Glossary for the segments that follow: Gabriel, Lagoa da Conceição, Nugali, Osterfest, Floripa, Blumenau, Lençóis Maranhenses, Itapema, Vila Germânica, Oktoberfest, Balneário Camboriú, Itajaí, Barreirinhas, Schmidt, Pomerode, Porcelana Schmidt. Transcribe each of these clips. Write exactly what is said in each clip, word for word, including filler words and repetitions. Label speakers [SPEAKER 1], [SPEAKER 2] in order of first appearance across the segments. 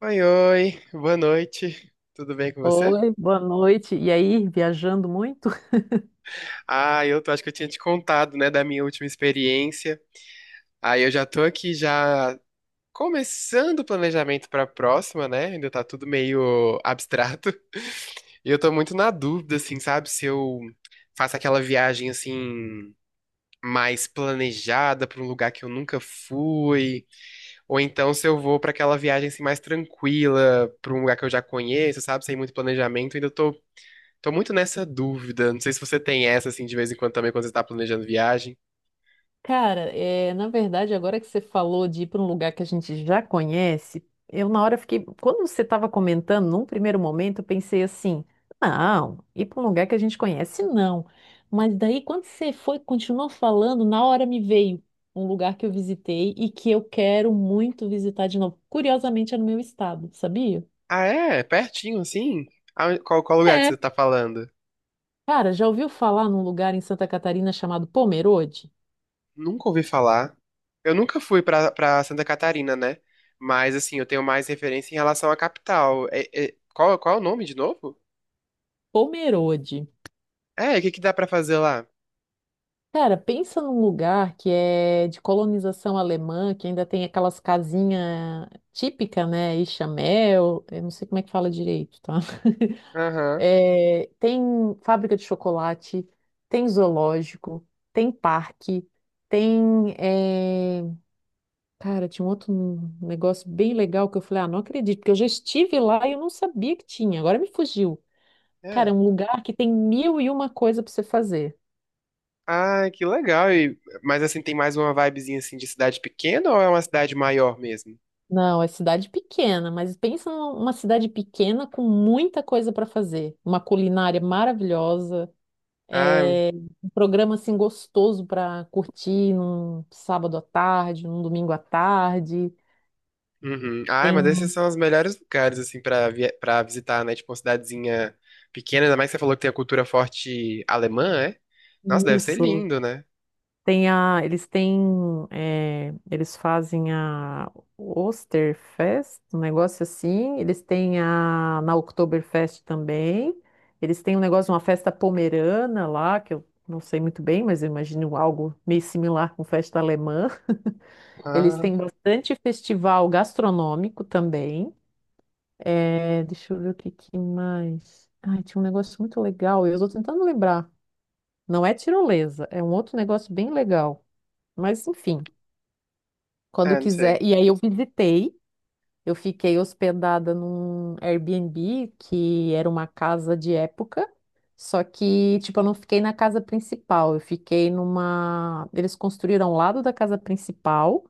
[SPEAKER 1] Oi, oi, boa noite. Tudo bem com você?
[SPEAKER 2] Oi, boa noite. E aí, viajando muito?
[SPEAKER 1] Ah, eu tô- acho que eu tinha te contado, né, da minha última experiência. Aí eu já tô aqui já começando o planejamento pra próxima, né? Ainda tá tudo meio abstrato. E eu tô muito na dúvida, assim, sabe, se eu faço aquela viagem assim mais planejada pra um lugar que eu nunca fui, ou então se eu vou pra aquela viagem assim mais tranquila, pra um lugar que eu já conheço, sabe, sem muito planejamento. Ainda tô Tô muito nessa dúvida. Não sei se você tem essa, assim, de vez em quando também, quando você tá planejando viagem.
[SPEAKER 2] Cara, é, na verdade, agora que você falou de ir para um lugar que a gente já conhece, eu na hora fiquei. Quando você estava comentando, num primeiro momento, eu pensei assim: não, ir para um lugar que a gente conhece, não. Mas daí, quando você foi, continuou falando, na hora me veio um lugar que eu visitei e que eu quero muito visitar de novo. Curiosamente, é no meu estado, sabia?
[SPEAKER 1] Ah, é? Pertinho, assim? Ah, Qual, qual lugar que
[SPEAKER 2] É.
[SPEAKER 1] você tá falando?
[SPEAKER 2] Cara, já ouviu falar num lugar em Santa Catarina chamado Pomerode?
[SPEAKER 1] Nunca ouvi falar. Eu nunca fui pra, pra Santa Catarina, né? Mas, assim, eu tenho mais referência em relação à capital. É- é- qual, qual é o nome de novo?
[SPEAKER 2] Pomerode.
[SPEAKER 1] É, o que que dá pra fazer lá?
[SPEAKER 2] Cara, pensa num lugar que é de colonização alemã, que ainda tem aquelas casinhas típicas, né? E chamel, eu não sei como é que fala direito, tá?
[SPEAKER 1] Aham,
[SPEAKER 2] É, tem fábrica de chocolate, tem zoológico, tem parque, tem. é, Cara, tinha um outro negócio bem legal que eu falei, ah, não acredito, porque eu já estive lá e eu não sabia que tinha, agora me fugiu. Cara, é
[SPEAKER 1] é.
[SPEAKER 2] um lugar que tem mil e uma coisa para você fazer.
[SPEAKER 1] Ah, que legal. E, mas, assim, tem mais uma vibezinha, assim, de cidade pequena ou é uma cidade maior mesmo?
[SPEAKER 2] Não, é cidade pequena, mas pensa numa cidade pequena com muita coisa para fazer. Uma culinária maravilhosa,
[SPEAKER 1] Ah.
[SPEAKER 2] é, um programa assim gostoso para curtir num sábado à tarde, num domingo à tarde.
[SPEAKER 1] Uhum. Ai,
[SPEAKER 2] Tem
[SPEAKER 1] mas esses são os melhores lugares, assim, pra, vi- pra visitar, né? Tipo, uma cidadezinha pequena, ainda mais que você falou que tem a cultura forte alemã, é? Nossa, deve ser
[SPEAKER 2] isso.
[SPEAKER 1] lindo, né?
[SPEAKER 2] Tem a, eles têm, eh, eles fazem a Osterfest, um negócio assim. Eles têm a na Oktoberfest também. Eles têm um negócio, uma festa pomerana lá, que eu não sei muito bem, mas eu imagino algo meio similar com festa alemã. Eles
[SPEAKER 1] Ah,
[SPEAKER 2] têm bastante festival gastronômico também. Eh, deixa eu ver o que, que mais. Ai, tinha um negócio muito legal, eu estou tentando lembrar. Não é tirolesa, é um outro negócio bem legal. Mas enfim. Quando
[SPEAKER 1] é, não
[SPEAKER 2] quiser.
[SPEAKER 1] sei.
[SPEAKER 2] E aí eu visitei, eu fiquei hospedada num Airbnb que era uma casa de época, só que, tipo, eu não fiquei na casa principal, eu fiquei numa. Eles construíram ao lado da casa principal,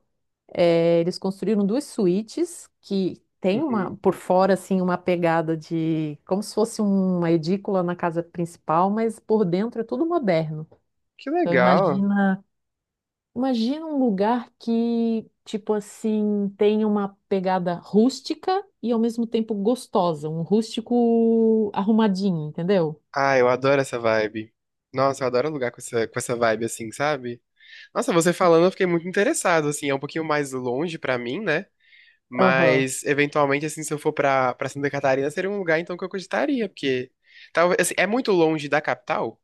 [SPEAKER 2] eh, eles construíram duas suítes que tem uma,
[SPEAKER 1] Uhum.
[SPEAKER 2] por fora, assim, uma pegada de. Como se fosse uma edícula na casa principal, mas por dentro é tudo moderno.
[SPEAKER 1] Que
[SPEAKER 2] Então,
[SPEAKER 1] legal.
[SPEAKER 2] imagina. Imagina um lugar que, tipo assim, tem uma pegada rústica e ao mesmo tempo gostosa, um rústico arrumadinho, entendeu?
[SPEAKER 1] Ah, eu adoro essa vibe. Nossa, eu adoro lugar com essa, com essa vibe, assim, sabe? Nossa, você falando, eu fiquei muito interessado, assim, é um pouquinho mais longe pra mim, né?
[SPEAKER 2] Aham.
[SPEAKER 1] Mas, eventualmente, assim, se eu for pra, pra Santa Catarina, seria um lugar, então, que eu cogitaria, porque... Talvez, assim, é muito longe da capital?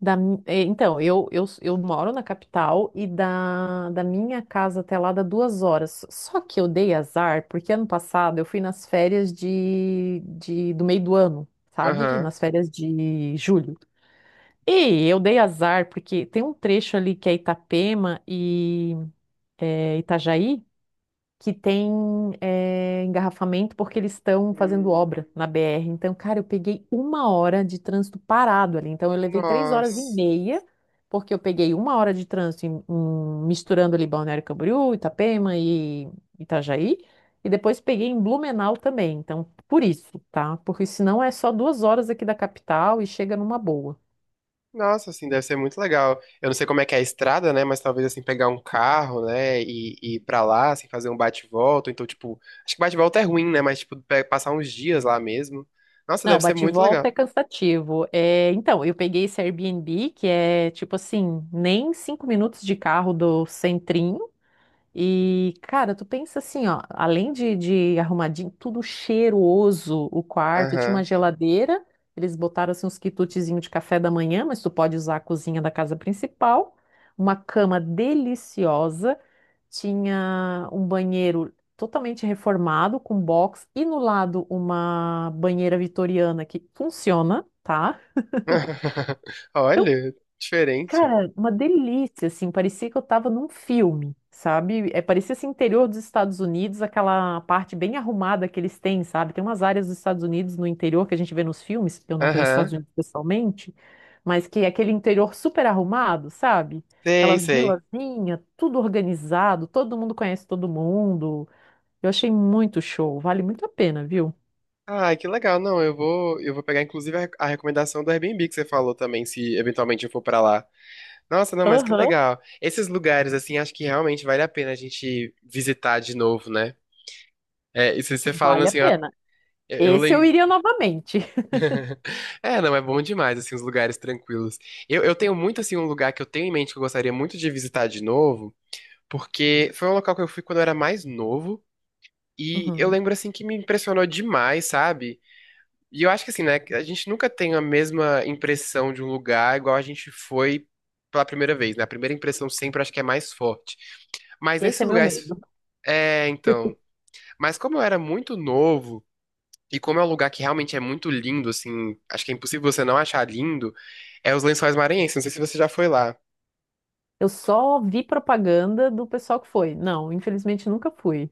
[SPEAKER 2] Da mi- é, então, eu, eu, eu moro na capital e da, da minha casa até lá dá duas horas. Só que eu dei azar, porque ano passado eu fui nas férias de, de, do meio do ano, sabe?
[SPEAKER 1] Aham.
[SPEAKER 2] Nas férias de julho. E eu dei azar, porque tem um trecho ali que é Itapema e é, Itajaí, que tem é, engarrafamento porque eles estão fazendo
[SPEAKER 1] Hum.
[SPEAKER 2] obra na B R. Então, cara, eu peguei uma hora de trânsito parado ali. Então, eu levei três horas e
[SPEAKER 1] Nossa.
[SPEAKER 2] meia, porque eu peguei uma hora de trânsito em- em- misturando ali Balneário Camboriú, Itapema e Itajaí. E depois peguei em Blumenau também. Então, por isso, tá? Porque senão é só duas horas aqui da capital e chega numa boa.
[SPEAKER 1] Nossa, assim, deve ser muito legal. Eu não sei como é que é a estrada, né? Mas talvez, assim, pegar um carro, né? E, e ir pra lá, assim, fazer um bate-volta. Então, tipo, acho que bate-volta é ruim, né? Mas, tipo, pe- passar uns dias lá mesmo. Nossa,
[SPEAKER 2] Não,
[SPEAKER 1] deve ser
[SPEAKER 2] bate e
[SPEAKER 1] muito legal.
[SPEAKER 2] volta é cansativo. É, então, eu peguei esse Airbnb, que é tipo assim, nem cinco minutos de carro do centrinho. E, cara, tu pensa assim, ó, além de, de arrumadinho, tudo cheiroso o quarto, tinha uma
[SPEAKER 1] Aham.
[SPEAKER 2] geladeira, eles botaram assim uns quitutezinhos de café da manhã, mas tu pode usar a cozinha da casa principal, uma cama deliciosa. Tinha um banheiro totalmente reformado, com box, e no lado uma banheira vitoriana que funciona, tá?
[SPEAKER 1] Olha, diferente.
[SPEAKER 2] Cara, uma delícia, assim, parecia que eu tava num filme, sabe? É, parecia esse interior dos Estados Unidos, aquela parte bem arrumada que eles têm, sabe? Tem umas áreas dos Estados Unidos no interior que a gente vê nos filmes, eu não conheço os
[SPEAKER 1] Aham.
[SPEAKER 2] Estados Unidos pessoalmente, mas que é aquele interior super arrumado, sabe?
[SPEAKER 1] Sei,
[SPEAKER 2] Aquelas
[SPEAKER 1] sei.
[SPEAKER 2] vilazinhas, tudo organizado, todo mundo conhece todo mundo. Eu achei muito show, vale muito a pena, viu?
[SPEAKER 1] Ah, que legal. Não, eu vou, eu vou pegar, inclusive, a, a recomendação do Airbnb que você falou também, se eventualmente eu for pra lá. Nossa, não, mas que
[SPEAKER 2] Aham,
[SPEAKER 1] legal. Esses lugares, assim, acho que realmente vale a pena a gente visitar de novo, né? É, isso você falando
[SPEAKER 2] vale a
[SPEAKER 1] assim, ó,
[SPEAKER 2] pena.
[SPEAKER 1] eu
[SPEAKER 2] Esse eu
[SPEAKER 1] lembro.
[SPEAKER 2] iria novamente.
[SPEAKER 1] É, não, é bom demais, assim, os lugares tranquilos. Eu, eu tenho muito, assim, um lugar que eu tenho em mente que eu gostaria muito de visitar de novo, porque foi um local que eu fui quando eu era mais novo, e eu
[SPEAKER 2] Uhum.
[SPEAKER 1] lembro, assim, que me impressionou demais, sabe? E eu acho que, assim, né, que a gente nunca tem a mesma impressão de um lugar igual a gente foi pela primeira vez, né? A primeira impressão sempre acho que é mais forte. Mas
[SPEAKER 2] Esse
[SPEAKER 1] nesse
[SPEAKER 2] é meu
[SPEAKER 1] lugar
[SPEAKER 2] medo.
[SPEAKER 1] É, então. Mas como eu era muito novo, e como é um lugar que realmente é muito lindo, assim, acho que é impossível você não achar lindo, é os Lençóis Maranhenses. Não sei se você já foi lá.
[SPEAKER 2] Eu só vi propaganda do pessoal que foi. Não, infelizmente nunca fui.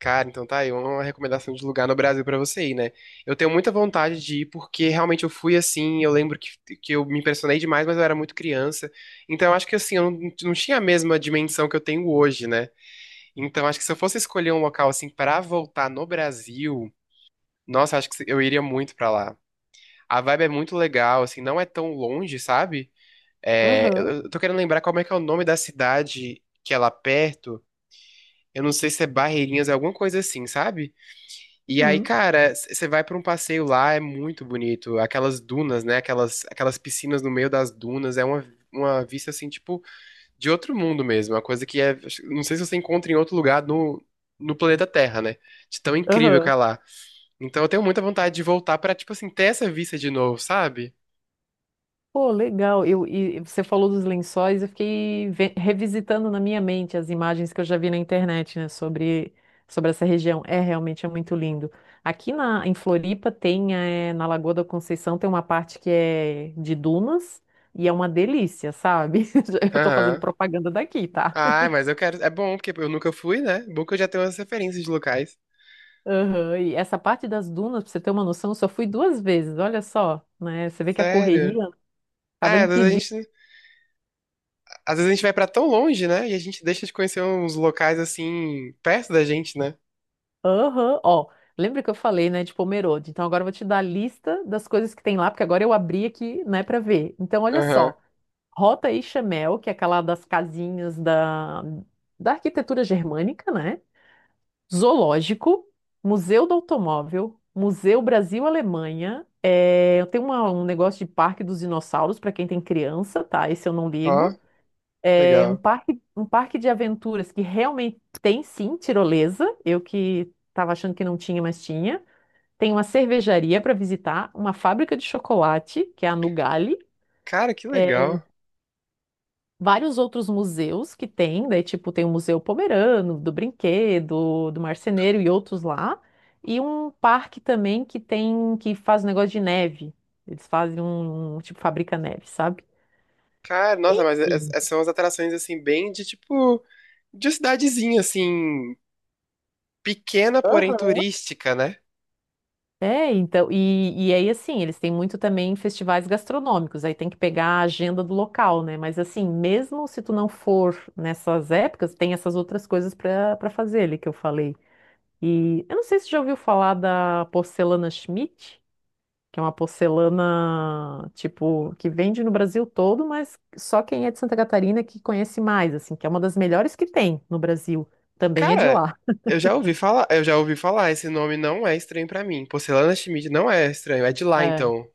[SPEAKER 1] Cara, então tá aí uma recomendação de lugar no Brasil pra você ir, né? Eu tenho muita vontade de ir porque realmente eu fui assim, eu lembro que, que eu me impressionei demais, mas eu era muito criança. Então eu acho que assim, eu não, não tinha a mesma dimensão que eu tenho hoje, né? Então acho que se eu fosse escolher um local assim pra voltar no Brasil, nossa, acho que eu iria muito pra lá. A vibe é muito legal, assim, não é tão longe, sabe? É, eu
[SPEAKER 2] Aham.
[SPEAKER 1] eu tô querendo lembrar como é que é o nome da cidade que é lá perto. Eu não sei se é Barreirinhas, é alguma coisa assim, sabe? E aí,
[SPEAKER 2] Uhum.
[SPEAKER 1] cara, c- você vai pra um passeio lá, é muito bonito. Aquelas dunas, né? Aquelas, aquelas piscinas no meio das dunas, é uma, uma vista, assim, tipo, de outro mundo mesmo. Uma coisa que é. Não sei se você encontra em outro lugar no, no planeta Terra, né? De tão incrível que
[SPEAKER 2] Aham.
[SPEAKER 1] é lá. Então eu tenho muita vontade de voltar pra, tipo assim, ter essa vista de novo, sabe?
[SPEAKER 2] Pô, legal. Eu, e você falou dos lençóis, eu fiquei ve- revisitando na minha mente as imagens que eu já vi na internet, né, sobre, sobre essa região. É, realmente é muito lindo. Aqui na, em Floripa tem, eh, na Lagoa da Conceição, tem uma parte que é de dunas e é uma delícia, sabe? Eu tô fazendo
[SPEAKER 1] Aham.
[SPEAKER 2] propaganda daqui, tá?
[SPEAKER 1] Ah, mas eu quero. É bom, porque eu nunca fui, né? Bom que eu já tenho umas referências de locais.
[SPEAKER 2] Aham. E essa parte das dunas, pra você ter uma noção, eu só fui duas vezes, olha só, né? Você vê que a
[SPEAKER 1] Sério.
[SPEAKER 2] correria
[SPEAKER 1] Ah,
[SPEAKER 2] acaba
[SPEAKER 1] é, às vezes a
[SPEAKER 2] impedindo.
[SPEAKER 1] gente, às vezes a gente vai pra tão longe, né? E a gente deixa de conhecer uns locais assim, perto da gente, né?
[SPEAKER 2] Aham. Ó, lembra que eu falei, né, de Pomerode? Então agora eu vou te dar a lista das coisas que tem lá, porque agora eu abri aqui, né, pra ver. Então olha
[SPEAKER 1] Aham.
[SPEAKER 2] só, Rota e Chamel, que é aquela das casinhas da, da arquitetura germânica, né? Zoológico, Museu do Automóvel, Museu Brasil-Alemanha, é, tem uma- um negócio de Parque dos Dinossauros para quem tem criança, tá? Esse eu não
[SPEAKER 1] Ó,
[SPEAKER 2] ligo. É um
[SPEAKER 1] legal.
[SPEAKER 2] parque, um parque de aventuras que realmente tem sim tirolesa. Eu que estava achando que não tinha, mas tinha. Tem uma cervejaria para visitar, uma fábrica de chocolate, que é a Nugali.
[SPEAKER 1] Cara, que
[SPEAKER 2] É,
[SPEAKER 1] legal.
[SPEAKER 2] vários outros museus que tem, daí tipo tem o Museu Pomerano, do Brinquedo, do Marceneiro e outros lá. E um parque também que tem que faz um negócio de neve. Eles fazem um um, tipo fabrica neve, sabe?
[SPEAKER 1] Cara, nossa, mas es-
[SPEAKER 2] Enfim.
[SPEAKER 1] essas são as atrações assim, bem de tipo, de cidadezinha, assim, pequena, porém turística, né?
[SPEAKER 2] É, então, e, e aí assim, eles têm muito também festivais gastronômicos, aí tem que pegar a agenda do local, né? Mas assim, mesmo se tu não for nessas épocas, tem essas outras coisas para para fazer ali que eu falei. E eu não sei se você já ouviu falar da porcelana Schmidt, que é uma porcelana, tipo, que vende no Brasil todo, mas só quem é de Santa Catarina que conhece mais, assim, que é uma das melhores que tem no Brasil, também é de
[SPEAKER 1] Cara,
[SPEAKER 2] lá.
[SPEAKER 1] eu já ouvi falar, eu já ouvi falar, esse nome não é estranho pra mim. Porcelana Schmidt não é estranho, é de lá então.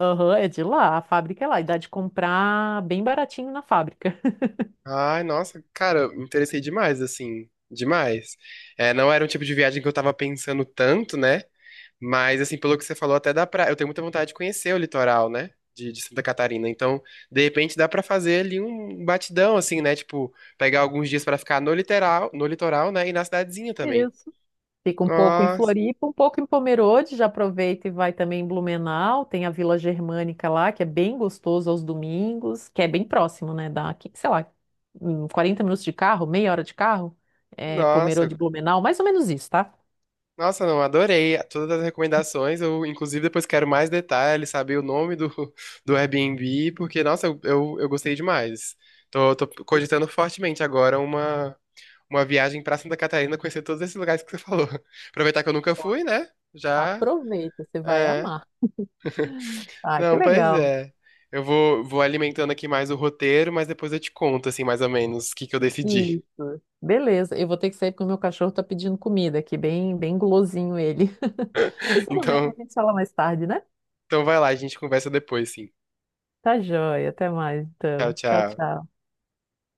[SPEAKER 2] Aham, é de lá, a fábrica é lá, e dá de comprar bem baratinho na fábrica.
[SPEAKER 1] Ai, nossa, cara, eu me interessei demais, assim, demais. É, não era um tipo de viagem que eu tava pensando tanto, né? Mas, assim, pelo que você falou, até dá pra. Eu tenho muita vontade de conhecer o litoral, né? De, de Santa Catarina. Então, de repente, dá pra fazer ali um batidão, assim, né? Tipo, pegar alguns dias pra ficar no litoral, no litoral, né? E na cidadezinha também.
[SPEAKER 2] Isso. Fica um pouco em
[SPEAKER 1] Nossa,
[SPEAKER 2] Floripa, um pouco em Pomerode, já aproveita e vai também em Blumenau, tem a Vila Germânica lá, que é bem gostoso aos domingos, que é bem próximo, né, da, aqui, sei lá, hum, quarenta minutos de carro, meia hora de carro, é,
[SPEAKER 1] nossa.
[SPEAKER 2] Pomerode e Blumenau, mais ou menos isso, tá?
[SPEAKER 1] Nossa, não, adorei todas as recomendações. Eu, inclusive, depois quero mais detalhes, saber o nome do, do Airbnb, porque, nossa, eu, eu, eu gostei demais. Tô, tô cogitando fortemente agora uma, uma viagem pra Santa Catarina, conhecer todos esses lugares que você falou. Aproveitar que eu nunca fui, né? Já.
[SPEAKER 2] Aproveita, você vai
[SPEAKER 1] É.
[SPEAKER 2] amar. Ah, que
[SPEAKER 1] Não, pois
[SPEAKER 2] legal.
[SPEAKER 1] é. Eu vou, vou alimentando aqui mais o roteiro, mas depois eu te conto, assim, mais ou menos, o que que eu decidi.
[SPEAKER 2] Isso. Beleza, eu vou ter que sair porque o meu cachorro tá pedindo comida aqui, bem, bem gulosinho ele. Mas tudo bem, a
[SPEAKER 1] Então,
[SPEAKER 2] gente fala mais tarde, né?
[SPEAKER 1] então vai lá, a gente conversa depois, sim.
[SPEAKER 2] Tá joia, até mais
[SPEAKER 1] Tchau,
[SPEAKER 2] então. Tchau,
[SPEAKER 1] tchau.
[SPEAKER 2] tchau.